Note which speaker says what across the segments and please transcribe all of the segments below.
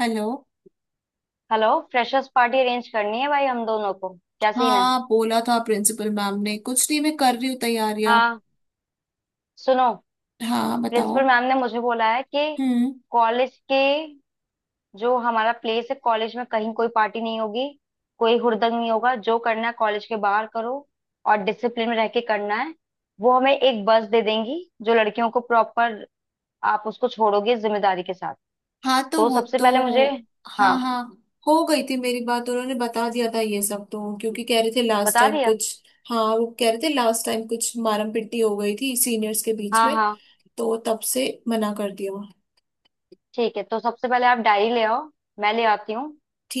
Speaker 1: Hello.
Speaker 2: Hello. Freshers party arrange करनी है भाई, हम दोनों को क्या सीन है?
Speaker 1: हाँ, बोला था प्रिंसिपल मैम ने। कुछ नहीं, मैं कर रही हूँ तैयारियां।
Speaker 2: हाँ। सुनो,
Speaker 1: हाँ, बताओ।
Speaker 2: प्रिंसिपल मैम ने मुझे बोला है कि
Speaker 1: हम्म।
Speaker 2: कॉलेज के जो हमारा प्लेस है कॉलेज में कहीं कोई पार्टी नहीं होगी। कोई हुड़दंग नहीं होगा, जो करना है कॉलेज के बाहर करो, और डिसिप्लिन में रह के करना है। वो हमें एक बस दे देंगी जो लड़कियों को प्रॉपर, आप उसको छोड़ोगे जिम्मेदारी के साथ।
Speaker 1: हाँ, तो
Speaker 2: तो
Speaker 1: वो
Speaker 2: सबसे
Speaker 1: तो।
Speaker 2: पहले मुझे
Speaker 1: हाँ,
Speaker 2: हाँ
Speaker 1: हाँ। हो गई थी मेरी बात, उन्होंने बता दिया था ये सब, तो क्योंकि कह रहे थे लास्ट
Speaker 2: बता
Speaker 1: टाइम
Speaker 2: दिया।
Speaker 1: कुछ। हाँ, वो कह रहे थे लास्ट टाइम कुछ मारम पिट्टी हो गई थी सीनियर्स के बीच
Speaker 2: हाँ
Speaker 1: में,
Speaker 2: हाँ
Speaker 1: तो तब से मना कर दिया।
Speaker 2: ठीक है। तो सबसे पहले आप डायरी ले आओ, मैं ले आती हूँ।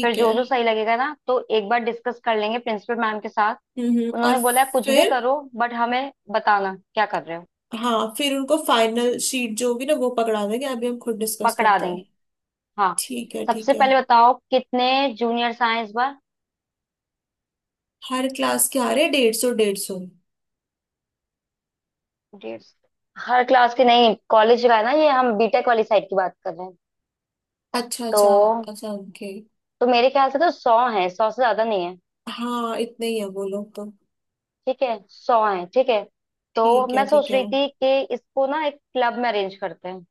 Speaker 2: फिर जो
Speaker 1: है।
Speaker 2: जो सही लगेगा ना, तो एक बार डिस्कस कर लेंगे प्रिंसिपल मैम के साथ।
Speaker 1: और?
Speaker 2: उन्होंने बोला है कुछ भी
Speaker 1: फिर?
Speaker 2: करो बट हमें बताना क्या कर रहे हो।
Speaker 1: हाँ, फिर उनको फाइनल शीट जो होगी ना वो पकड़ा देंगे, अभी हम खुद डिस्कस
Speaker 2: पकड़ा
Speaker 1: करते हैं।
Speaker 2: देंगे। हाँ।
Speaker 1: ठीक है,
Speaker 2: सबसे
Speaker 1: ठीक है।
Speaker 2: पहले बताओ कितने जूनियर्स आए इस बार?
Speaker 1: हर क्लास के आ रहे 150 150।
Speaker 2: 150। हर क्लास के नहीं, कॉलेज का है ना, ये हम बीटेक वाली साइड की बात कर रहे हैं।
Speaker 1: अच्छा,
Speaker 2: तो
Speaker 1: अच्छा। अच्छा, ओके।
Speaker 2: तो मेरे ख्याल से तो 100 है, 100 से ज्यादा नहीं है।
Speaker 1: हाँ, इतने ही है वो लोग तो।
Speaker 2: ठीक है, 100 है ठीक है। तो
Speaker 1: ठीक है,
Speaker 2: मैं
Speaker 1: ठीक
Speaker 2: सोच
Speaker 1: है।
Speaker 2: रही थी कि इसको ना एक क्लब में अरेंज करते हैं।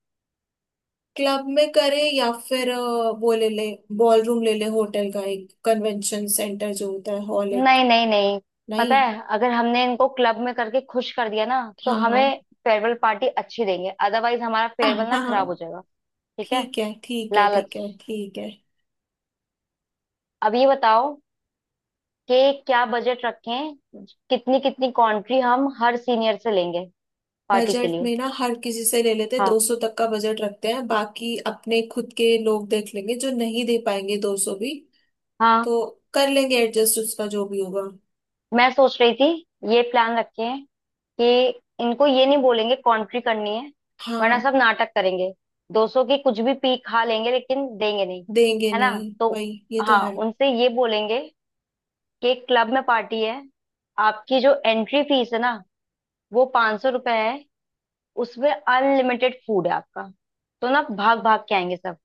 Speaker 1: क्लब में करें या फिर वो ले ले बॉल रूम ले ले, होटल का एक कन्वेंशन सेंटर जो होता है, हॉल एक।
Speaker 2: नहीं नहीं नहीं, पता
Speaker 1: नहीं।
Speaker 2: है अगर हमने इनको क्लब में करके खुश कर दिया ना तो
Speaker 1: हाँ, हाँ।
Speaker 2: हमें फेयरवेल पार्टी अच्छी देंगे, अदरवाइज हमारा
Speaker 1: हाँ,
Speaker 2: फेयरवेल ना खराब हो
Speaker 1: हाँ।
Speaker 2: जाएगा। ठीक है।
Speaker 1: ठीक है, ठीक है, ठीक
Speaker 2: लालच।
Speaker 1: है, ठीक है।
Speaker 2: अब ये बताओ कि क्या बजट रखें, कितनी कितनी कंट्री हम हर सीनियर से लेंगे पार्टी के
Speaker 1: बजट
Speaker 2: लिए?
Speaker 1: में ना हर किसी से ले लेते, दो
Speaker 2: हाँ
Speaker 1: सौ तक का बजट रखते हैं, बाकी अपने खुद के लोग देख लेंगे जो नहीं दे पाएंगे 200 भी।
Speaker 2: हाँ।
Speaker 1: तो कर लेंगे एडजस्ट उसका, जो भी होगा।
Speaker 2: मैं सोच रही थी ये प्लान रखें कि इनको ये नहीं बोलेंगे कॉन्ट्री करनी है, वरना
Speaker 1: हाँ।
Speaker 2: सब नाटक करेंगे। 200 की कुछ भी पी खा लेंगे लेकिन देंगे नहीं।
Speaker 1: देंगे
Speaker 2: है ना?
Speaker 1: नहीं,
Speaker 2: तो
Speaker 1: वही ये तो
Speaker 2: हाँ,
Speaker 1: है।
Speaker 2: उनसे ये बोलेंगे कि क्लब में पार्टी है, आपकी जो एंट्री फीस है ना वो ₹500 है, उसमें अनलिमिटेड फूड है आपका। तो ना भाग भाग के आएंगे सब।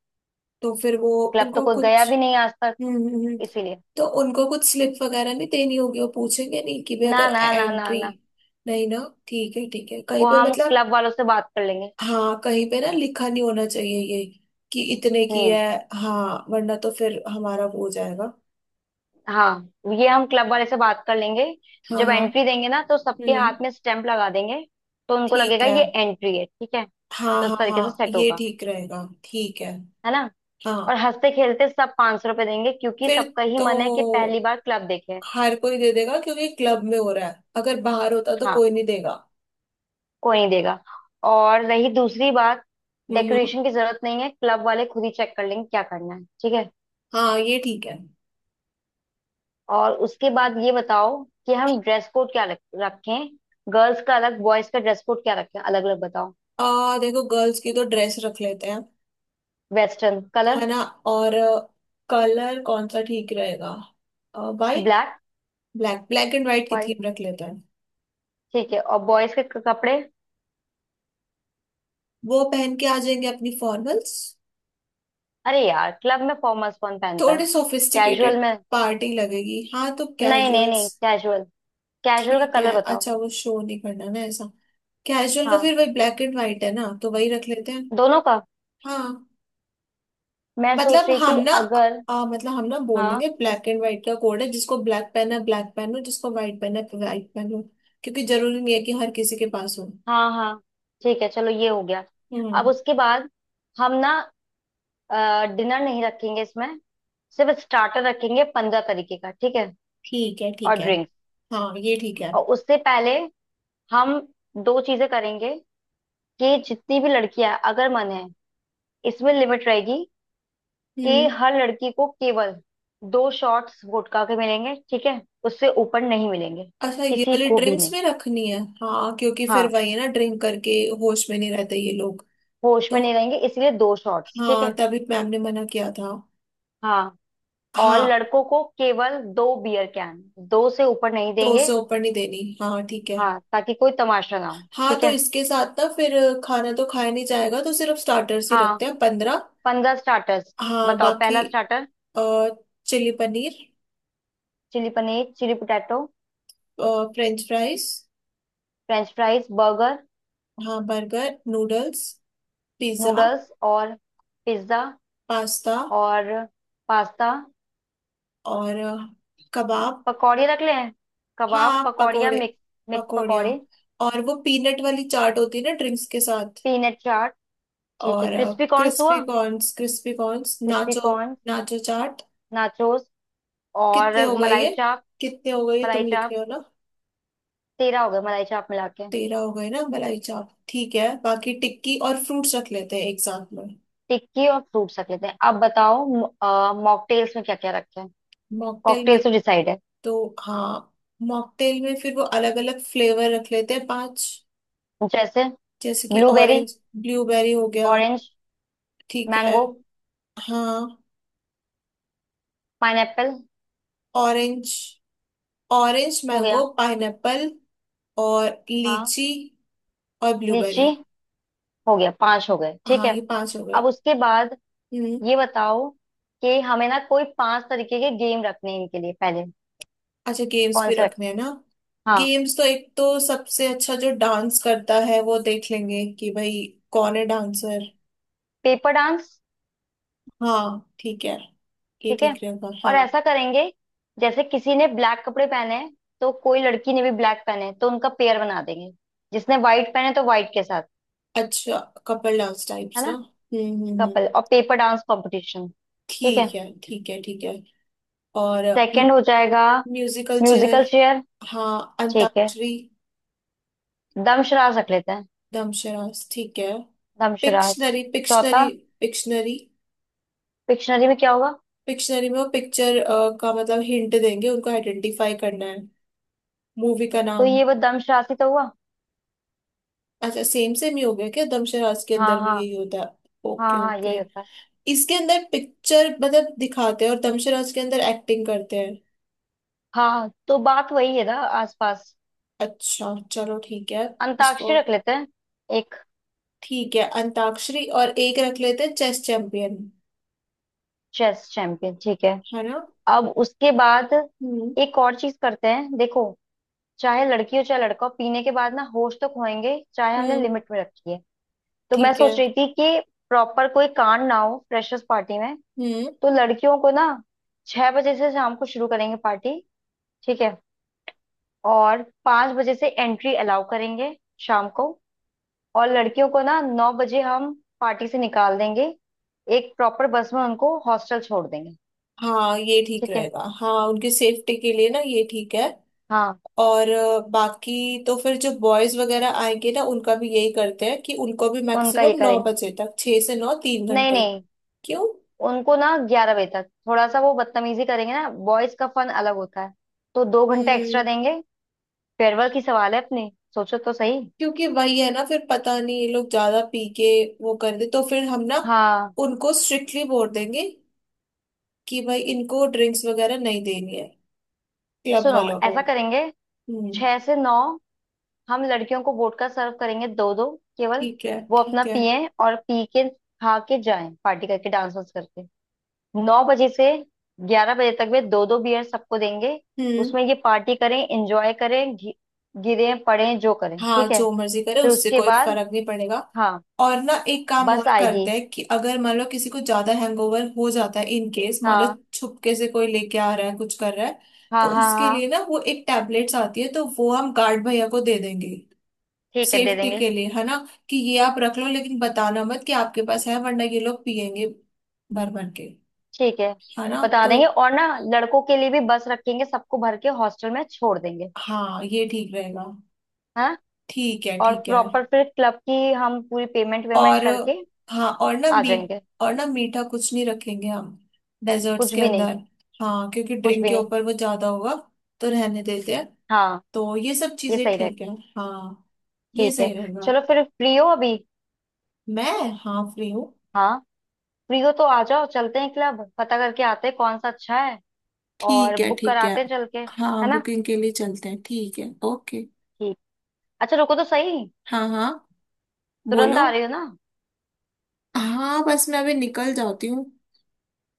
Speaker 1: तो फिर वो
Speaker 2: क्लब तो
Speaker 1: उनको
Speaker 2: कोई गया
Speaker 1: कुछ।
Speaker 2: भी नहीं आज तक,
Speaker 1: हम्म हम्म, हम्म।
Speaker 2: इसीलिए।
Speaker 1: तो उनको कुछ स्लिप वगैरह नहीं देनी होगी? वो पूछेंगे नहीं कि भी
Speaker 2: ना
Speaker 1: अगर
Speaker 2: ना ना ना
Speaker 1: एंट्री?
Speaker 2: ना,
Speaker 1: नहीं ना। ठीक है, ठीक है, कहीं
Speaker 2: वो
Speaker 1: पे
Speaker 2: हम
Speaker 1: मतलब।
Speaker 2: क्लब वालों से बात कर लेंगे।
Speaker 1: हाँ, कहीं पे ना लिखा नहीं होना चाहिए ये, कि इतने की है।
Speaker 2: हम्म।
Speaker 1: हाँ, वरना तो फिर हमारा वो हो जाएगा।
Speaker 2: हाँ ये हम क्लब वाले से बात कर लेंगे।
Speaker 1: हाँ,
Speaker 2: जब
Speaker 1: हाँ।
Speaker 2: एंट्री देंगे ना तो सबके
Speaker 1: हम्म।
Speaker 2: हाथ में स्टैंप लगा देंगे, तो उनको
Speaker 1: ठीक
Speaker 2: लगेगा
Speaker 1: है।
Speaker 2: ये एंट्री है। ठीक है।
Speaker 1: हाँ,
Speaker 2: तो
Speaker 1: हाँ,
Speaker 2: इस तरीके से
Speaker 1: हाँ,
Speaker 2: सेट
Speaker 1: ये
Speaker 2: होगा
Speaker 1: ठीक रहेगा, ठीक है।
Speaker 2: है ना, और
Speaker 1: हाँ।
Speaker 2: हंसते खेलते सब ₹500 देंगे क्योंकि
Speaker 1: फिर
Speaker 2: सबका ही
Speaker 1: तो
Speaker 2: मन है कि पहली बार क्लब देखे।
Speaker 1: हर कोई दे देगा, क्योंकि क्लब में हो रहा है, अगर बाहर होता तो
Speaker 2: हाँ
Speaker 1: कोई नहीं देगा।
Speaker 2: कोई नहीं देगा। और रही दूसरी बात,
Speaker 1: हम्म।
Speaker 2: डेकोरेशन की जरूरत नहीं है, क्लब वाले खुद ही चेक कर लेंगे क्या करना है, ठीक है।
Speaker 1: हाँ, ये ठीक है।
Speaker 2: और उसके बाद ये बताओ कि हम ड्रेस कोड क्या रखें? गर्ल्स का अलग, बॉयज का ड्रेस कोड क्या रखें, अलग अलग बताओ।
Speaker 1: आ देखो, गर्ल्स की तो ड्रेस रख लेते हैं,
Speaker 2: वेस्टर्न
Speaker 1: है
Speaker 2: कलर।
Speaker 1: ना। और कलर कौन सा ठीक रहेगा? White?
Speaker 2: Black.
Speaker 1: Black? Black and white की
Speaker 2: व्हाइट।
Speaker 1: थीम रख लेते हैं।
Speaker 2: ठीक है, और बॉयज के कपड़े?
Speaker 1: वो पहन के आ जाएंगे अपनी फॉर्मल्स।
Speaker 2: अरे यार, क्लब में फॉर्मल्स कौन पहनता है।
Speaker 1: थोड़े
Speaker 2: कैजुअल
Speaker 1: सोफिस्टिकेटेड
Speaker 2: में।
Speaker 1: पार्टी लगेगी, हाँ, तो
Speaker 2: नहीं नहीं नहीं,
Speaker 1: कैजुअल्स।
Speaker 2: कैजुअल। कैजुअल का
Speaker 1: ठीक
Speaker 2: कलर
Speaker 1: है,
Speaker 2: बताओ।
Speaker 1: अच्छा, वो शो नहीं करना ना ऐसा। कैजुअल का
Speaker 2: हाँ
Speaker 1: फिर वही ब्लैक एंड व्हाइट है ना, तो वही रख लेते हैं।
Speaker 2: दोनों का।
Speaker 1: हाँ,
Speaker 2: मैं सोच
Speaker 1: मतलब
Speaker 2: रही
Speaker 1: हम
Speaker 2: थी
Speaker 1: ना
Speaker 2: अगर।
Speaker 1: मतलब हम ना बोल
Speaker 2: हाँ
Speaker 1: देंगे ब्लैक एंड व्हाइट का कोड है, जिसको ब्लैक पेन है ब्लैक पेन हो, जिसको व्हाइट पेन है व्हाइट पेन हो। क्योंकि जरूरी नहीं है कि हर किसी के पास हो।
Speaker 2: हाँ हाँ, ठीक है चलो ये हो गया।
Speaker 1: हम्म।
Speaker 2: अब उसके बाद हम ना डिनर नहीं रखेंगे इसमें, सिर्फ स्टार्टर रखेंगे 15 तरीके का, ठीक है।
Speaker 1: ठीक है,
Speaker 2: और
Speaker 1: ठीक है।
Speaker 2: ड्रिंक्स।
Speaker 1: हाँ, ये ठीक है।
Speaker 2: और उससे पहले हम दो चीजें करेंगे कि जितनी भी लड़कियां, अगर मन है इसमें लिमिट रहेगी कि
Speaker 1: हम्म।
Speaker 2: हर लड़की को केवल दो शॉट्स गुटखा के मिलेंगे, ठीक है उससे ऊपर नहीं मिलेंगे,
Speaker 1: अच्छा, ये
Speaker 2: किसी
Speaker 1: वाली
Speaker 2: को भी
Speaker 1: ड्रिंक्स
Speaker 2: नहीं।
Speaker 1: में रखनी है हाँ, क्योंकि फिर
Speaker 2: हाँ,
Speaker 1: वही है ना, ड्रिंक करके होश में नहीं रहते ये लोग।
Speaker 2: होश में
Speaker 1: तो
Speaker 2: नहीं रहेंगे इसलिए दो शॉट्स ठीक
Speaker 1: हाँ,
Speaker 2: है।
Speaker 1: तभी मैम ने मना किया था।
Speaker 2: हाँ, और
Speaker 1: हाँ,
Speaker 2: लड़कों को केवल दो बियर कैन, दो से ऊपर नहीं
Speaker 1: तो
Speaker 2: देंगे।
Speaker 1: उसे ऊपर नहीं देनी, हाँ, ठीक है।
Speaker 2: हाँ, ताकि कोई तमाशा ना हो,
Speaker 1: हाँ,
Speaker 2: ठीक
Speaker 1: तो
Speaker 2: है।
Speaker 1: इसके साथ ना फिर खाना तो खाया नहीं जाएगा, तो सिर्फ स्टार्टर्स ही
Speaker 2: हाँ,
Speaker 1: रखते हैं 15।
Speaker 2: 15 स्टार्टर्स।
Speaker 1: हाँ,
Speaker 2: बताओ
Speaker 1: बाकी
Speaker 2: पहला starter.
Speaker 1: Chilli paneer,
Speaker 2: chilli paneer, chilli potato,
Speaker 1: french fries,
Speaker 2: french fries, burger,
Speaker 1: हाँ, बर्गर, नूडल्स, पिज्ज़ा,
Speaker 2: नूडल्स और पिज्ज़ा,
Speaker 1: पास्ता,
Speaker 2: और पास्ता।
Speaker 1: और कबाब।
Speaker 2: पकौड़े रख लें, कबाब,
Speaker 1: हाँ,
Speaker 2: पकौड़िया
Speaker 1: पकोड़े,
Speaker 2: मिक्स, मिक्स
Speaker 1: पकौड़िया,
Speaker 2: पकौड़े।
Speaker 1: और वो पीनट वाली चाट होती है ना ड्रिंक्स के साथ,
Speaker 2: पीनट चाट, ठीक है,
Speaker 1: और
Speaker 2: क्रिस्पी कॉर्न
Speaker 1: क्रिस्पी
Speaker 2: हुआ,
Speaker 1: corns crispy corns
Speaker 2: crispy
Speaker 1: nacho,
Speaker 2: corn,
Speaker 1: nacho chaat.
Speaker 2: Nachos, और
Speaker 1: कितने हो गए
Speaker 2: मलाई
Speaker 1: ये?
Speaker 2: चाप।
Speaker 1: कितने हो गए ये,
Speaker 2: मलाई
Speaker 1: तुम लिख
Speaker 2: चाप,
Speaker 1: रहे हो ना?
Speaker 2: 13 हो गए मलाई चाप मिला के।
Speaker 1: 13 हो गए ना मलाई चाप। ठीक है, बाकी टिक्की और फ्रूट्स रख लेते हैं, एक साथ में।
Speaker 2: टिक्की और फ्रूट्स रख लेते हैं। अब बताओ मॉकटेल्स में क्या क्या रखें हैं।
Speaker 1: मॉकटेल में?
Speaker 2: कॉकटेल्स तो डिसाइड है।
Speaker 1: तो हाँ, मॉकटेल में फिर वो अलग अलग फ्लेवर रख लेते हैं, 5।
Speaker 2: जैसे
Speaker 1: जैसे कि
Speaker 2: ब्लूबेरी,
Speaker 1: ऑरेंज, ब्लूबेरी हो गया,
Speaker 2: ऑरेंज,
Speaker 1: ठीक है।
Speaker 2: मैंगो,
Speaker 1: हाँ,
Speaker 2: पाइनएप्पल।
Speaker 1: ऑरेंज, ऑरेंज
Speaker 2: हो
Speaker 1: मैंगो
Speaker 2: गया।
Speaker 1: पाइनएप्पल, और
Speaker 2: हाँ
Speaker 1: लीची, और
Speaker 2: लीची।
Speaker 1: ब्लूबेरी।
Speaker 2: हो गया, पांच हो गए ठीक
Speaker 1: हाँ, ये
Speaker 2: है।
Speaker 1: 5 हो गए।
Speaker 2: अब उसके बाद
Speaker 1: हम्म।
Speaker 2: ये बताओ कि हमें ना कोई पांच तरीके के गेम रखने हैं इनके लिए पहले।
Speaker 1: अच्छा, गेम्स
Speaker 2: कौन
Speaker 1: भी
Speaker 2: से
Speaker 1: रखने
Speaker 2: रखें?
Speaker 1: हैं ना।
Speaker 2: हाँ
Speaker 1: गेम्स तो एक तो सबसे अच्छा जो डांस करता है वो देख लेंगे कि भाई कौन है डांसर।
Speaker 2: Paper dance.
Speaker 1: हाँ, ठीक है। ये
Speaker 2: ठीक है,
Speaker 1: ठीक रहेगा,
Speaker 2: और
Speaker 1: हाँ।
Speaker 2: ऐसा करेंगे जैसे किसी ने ब्लैक कपड़े पहने हैं, तो कोई लड़की ने भी ब्लैक पहने हैं, तो उनका पेयर बना देंगे, जिसने व्हाइट पहने तो व्हाइट के साथ,
Speaker 1: अच्छा, कपल डांस
Speaker 2: है
Speaker 1: टाइप्स ना।
Speaker 2: ना।
Speaker 1: हम्म।
Speaker 2: कपल और पेपर डांस कंपटीशन। ठीक है,
Speaker 1: ठीक है, ठीक है, ठीक है। और
Speaker 2: सेकंड हो जाएगा।
Speaker 1: Musical chair.
Speaker 2: Musical chair.
Speaker 1: हाँ,
Speaker 2: ठीक है,
Speaker 1: अंताक्षरी।
Speaker 2: दमशराज रख लेते हैं।
Speaker 1: दमशरास ठीक है।
Speaker 2: दमशराज।
Speaker 1: पिक्शनरी
Speaker 2: चौथा।
Speaker 1: पिक्शनरी पिक्शनरी
Speaker 2: डिक्शनरी में क्या होगा?
Speaker 1: पिक्शनरी में वो पिक्चर का मतलब हिंट देंगे, उनको आइडेंटिफाई करना है मूवी का
Speaker 2: तो
Speaker 1: नाम।
Speaker 2: ये वो दमशराज ही तो हुआ।
Speaker 1: अच्छा, सेम सेम ही हो गया क्या? दमशरास के
Speaker 2: हाँ
Speaker 1: अंदर भी
Speaker 2: हाँ।
Speaker 1: यही होता है?
Speaker 2: हाँ
Speaker 1: ओके,
Speaker 2: हाँ यही
Speaker 1: ओके।
Speaker 2: होता है।
Speaker 1: इसके अंदर पिक्चर मतलब दिखाते हैं, और दमशरास के अंदर एक्टिंग करते हैं।
Speaker 2: हाँ तो बात वही है ना, आसपास।
Speaker 1: अच्छा, चलो ठीक है। इसको
Speaker 2: अंताक्षरी रख लेते हैं। एक
Speaker 1: ठीक है अंताक्षरी, और एक रख लेते हैं चेस चैंपियन,
Speaker 2: चेस चैंपियन, ठीक है।
Speaker 1: है ना।
Speaker 2: अब उसके बाद
Speaker 1: हम्म
Speaker 2: एक और चीज करते हैं देखो। चाहे लड़की हो चाहे लड़का हो, पीने के बाद ना होश तो खोएंगे, चाहे हमने
Speaker 1: हम्म।
Speaker 2: लिमिट में रखी है। तो मैं
Speaker 1: ठीक है।
Speaker 2: सोच रही थी कि प्रॉपर कोई कांड ना हो फ्रेशर्स पार्टी में।
Speaker 1: हम्म।
Speaker 2: तो लड़कियों को ना, 6 बजे से शाम को शुरू करेंगे पार्टी, ठीक है, और 5 बजे से एंट्री अलाउ करेंगे शाम को। और लड़कियों को ना 9 बजे हम पार्टी से निकाल देंगे, एक प्रॉपर बस में उनको हॉस्टल छोड़ देंगे।
Speaker 1: हाँ, ये ठीक
Speaker 2: ठीक है
Speaker 1: रहेगा, हाँ, उनकी सेफ्टी के लिए ना, ये ठीक है।
Speaker 2: हाँ।
Speaker 1: और बाकी तो फिर जो बॉयज वगैरह आएंगे ना, उनका भी यही करते हैं कि उनको भी
Speaker 2: उनका ये
Speaker 1: मैक्सिमम नौ
Speaker 2: करेंगे।
Speaker 1: बजे तक, 6 से 9, तीन
Speaker 2: नहीं
Speaker 1: घंटे
Speaker 2: नहीं,
Speaker 1: क्यों?
Speaker 2: उनको ना 11 बजे तक, थोड़ा सा वो बदतमीजी करेंगे ना, बॉयज का फन अलग होता है, तो 2 घंटा एक्स्ट्रा
Speaker 1: हम्म।
Speaker 2: देंगे। फेयरवेल की सवाल है, अपनी सोचो तो सही।
Speaker 1: क्योंकि वही है ना, फिर पता नहीं ये लोग ज्यादा पी के वो कर दे, तो फिर हम ना
Speaker 2: हाँ
Speaker 1: उनको स्ट्रिक्टली बोल देंगे कि भाई इनको ड्रिंक्स वगैरह नहीं देनी है क्लब
Speaker 2: सुनो
Speaker 1: वालों को।
Speaker 2: ऐसा करेंगे,
Speaker 1: हम्म।
Speaker 2: 6 से 9 हम लड़कियों को वोडका सर्व करेंगे दो दो, केवल।
Speaker 1: ठीक है,
Speaker 2: वो अपना
Speaker 1: ठीक है।
Speaker 2: पिए और पी के खा के जाएं, पार्टी करके डांस वांस करके। 9 बजे से 11 बजे तक में दो दो बियर सबको देंगे,
Speaker 1: हम्म।
Speaker 2: उसमें ये पार्टी करें, एंजॉय करें, गिरें पड़ें जो करें,
Speaker 1: हाँ,
Speaker 2: ठीक है।
Speaker 1: जो मर्जी करे,
Speaker 2: फिर
Speaker 1: उससे
Speaker 2: उसके
Speaker 1: कोई
Speaker 2: बाद,
Speaker 1: फर्क नहीं पड़ेगा।
Speaker 2: हाँ
Speaker 1: और ना एक काम
Speaker 2: बस
Speaker 1: और
Speaker 2: आएगी।
Speaker 1: करते हैं कि अगर मान लो किसी को ज्यादा हैंगओवर हो जाता है, इन केस मान लो
Speaker 2: हाँ
Speaker 1: छुपके से कोई लेके आ रहा है, कुछ कर रहा है, तो
Speaker 2: हाँ हाँ
Speaker 1: उसके
Speaker 2: हाँ,
Speaker 1: लिए ना वो एक टैबलेट्स आती है, तो वो हम गार्ड भैया को दे देंगे
Speaker 2: ठीक है दे
Speaker 1: सेफ्टी
Speaker 2: देंगे।
Speaker 1: के लिए, है ना। कि ये आप रख लो, लेकिन बताना मत कि आपके पास है, वरना ये लोग पिएंगे भर भर के।
Speaker 2: ठीक है
Speaker 1: है ना,
Speaker 2: बता
Speaker 1: तो
Speaker 2: देंगे, और ना लड़कों के लिए भी बस रखेंगे, सबको भर के हॉस्टल में छोड़ देंगे।
Speaker 1: हाँ, ये ठीक रहेगा।
Speaker 2: हाँ,
Speaker 1: ठीक है,
Speaker 2: और
Speaker 1: ठीक है।
Speaker 2: प्रॉपर फिर क्लब की हम पूरी पेमेंट वेमेंट
Speaker 1: और
Speaker 2: करके
Speaker 1: हाँ,
Speaker 2: आ जाएंगे।
Speaker 1: और ना मीठा कुछ नहीं रखेंगे हम, डेजर्ट्स
Speaker 2: कुछ
Speaker 1: के
Speaker 2: भी नहीं।
Speaker 1: अंदर। हाँ, क्योंकि
Speaker 2: कुछ
Speaker 1: ड्रिंक
Speaker 2: भी
Speaker 1: के
Speaker 2: नहीं।
Speaker 1: ऊपर वो ज्यादा होगा, तो रहने देते हैं।
Speaker 2: हाँ
Speaker 1: तो ये सब
Speaker 2: ये
Speaker 1: चीजें
Speaker 2: सही रहेगा।
Speaker 1: ठीक है। हाँ, ये
Speaker 2: ठीक है
Speaker 1: सही रहेगा।
Speaker 2: चलो फिर, फ्री हो अभी?
Speaker 1: मैं? हाँ, फ्री हूँ।
Speaker 2: हाँ फ्री हो तो आ जाओ, चलते हैं क्लब पता करके आते हैं कौन सा अच्छा है, और
Speaker 1: ठीक है,
Speaker 2: बुक
Speaker 1: ठीक है।
Speaker 2: कराते हैं चल के, है
Speaker 1: हाँ,
Speaker 2: ना।
Speaker 1: बुकिंग के लिए चलते हैं, ठीक है, ओके।
Speaker 2: ठीक। अच्छा रुको तो सही,
Speaker 1: हाँ, हाँ।
Speaker 2: तुरंत
Speaker 1: बोलो।
Speaker 2: आ रही हो ना?
Speaker 1: हाँ, बस मैं अभी निकल जाती हूँ।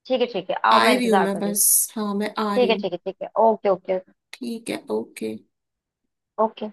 Speaker 2: ठीक है ठीक है, आओ
Speaker 1: आ
Speaker 2: मैं
Speaker 1: ही रही हूँ
Speaker 2: इंतजार
Speaker 1: मैं,
Speaker 2: कर रही हूँ।
Speaker 1: बस। हाँ, मैं आ रही
Speaker 2: ठीक है
Speaker 1: हूँ।
Speaker 2: ठीक है ठीक है ओके ओके
Speaker 1: ठीक है, ओके।
Speaker 2: ओके।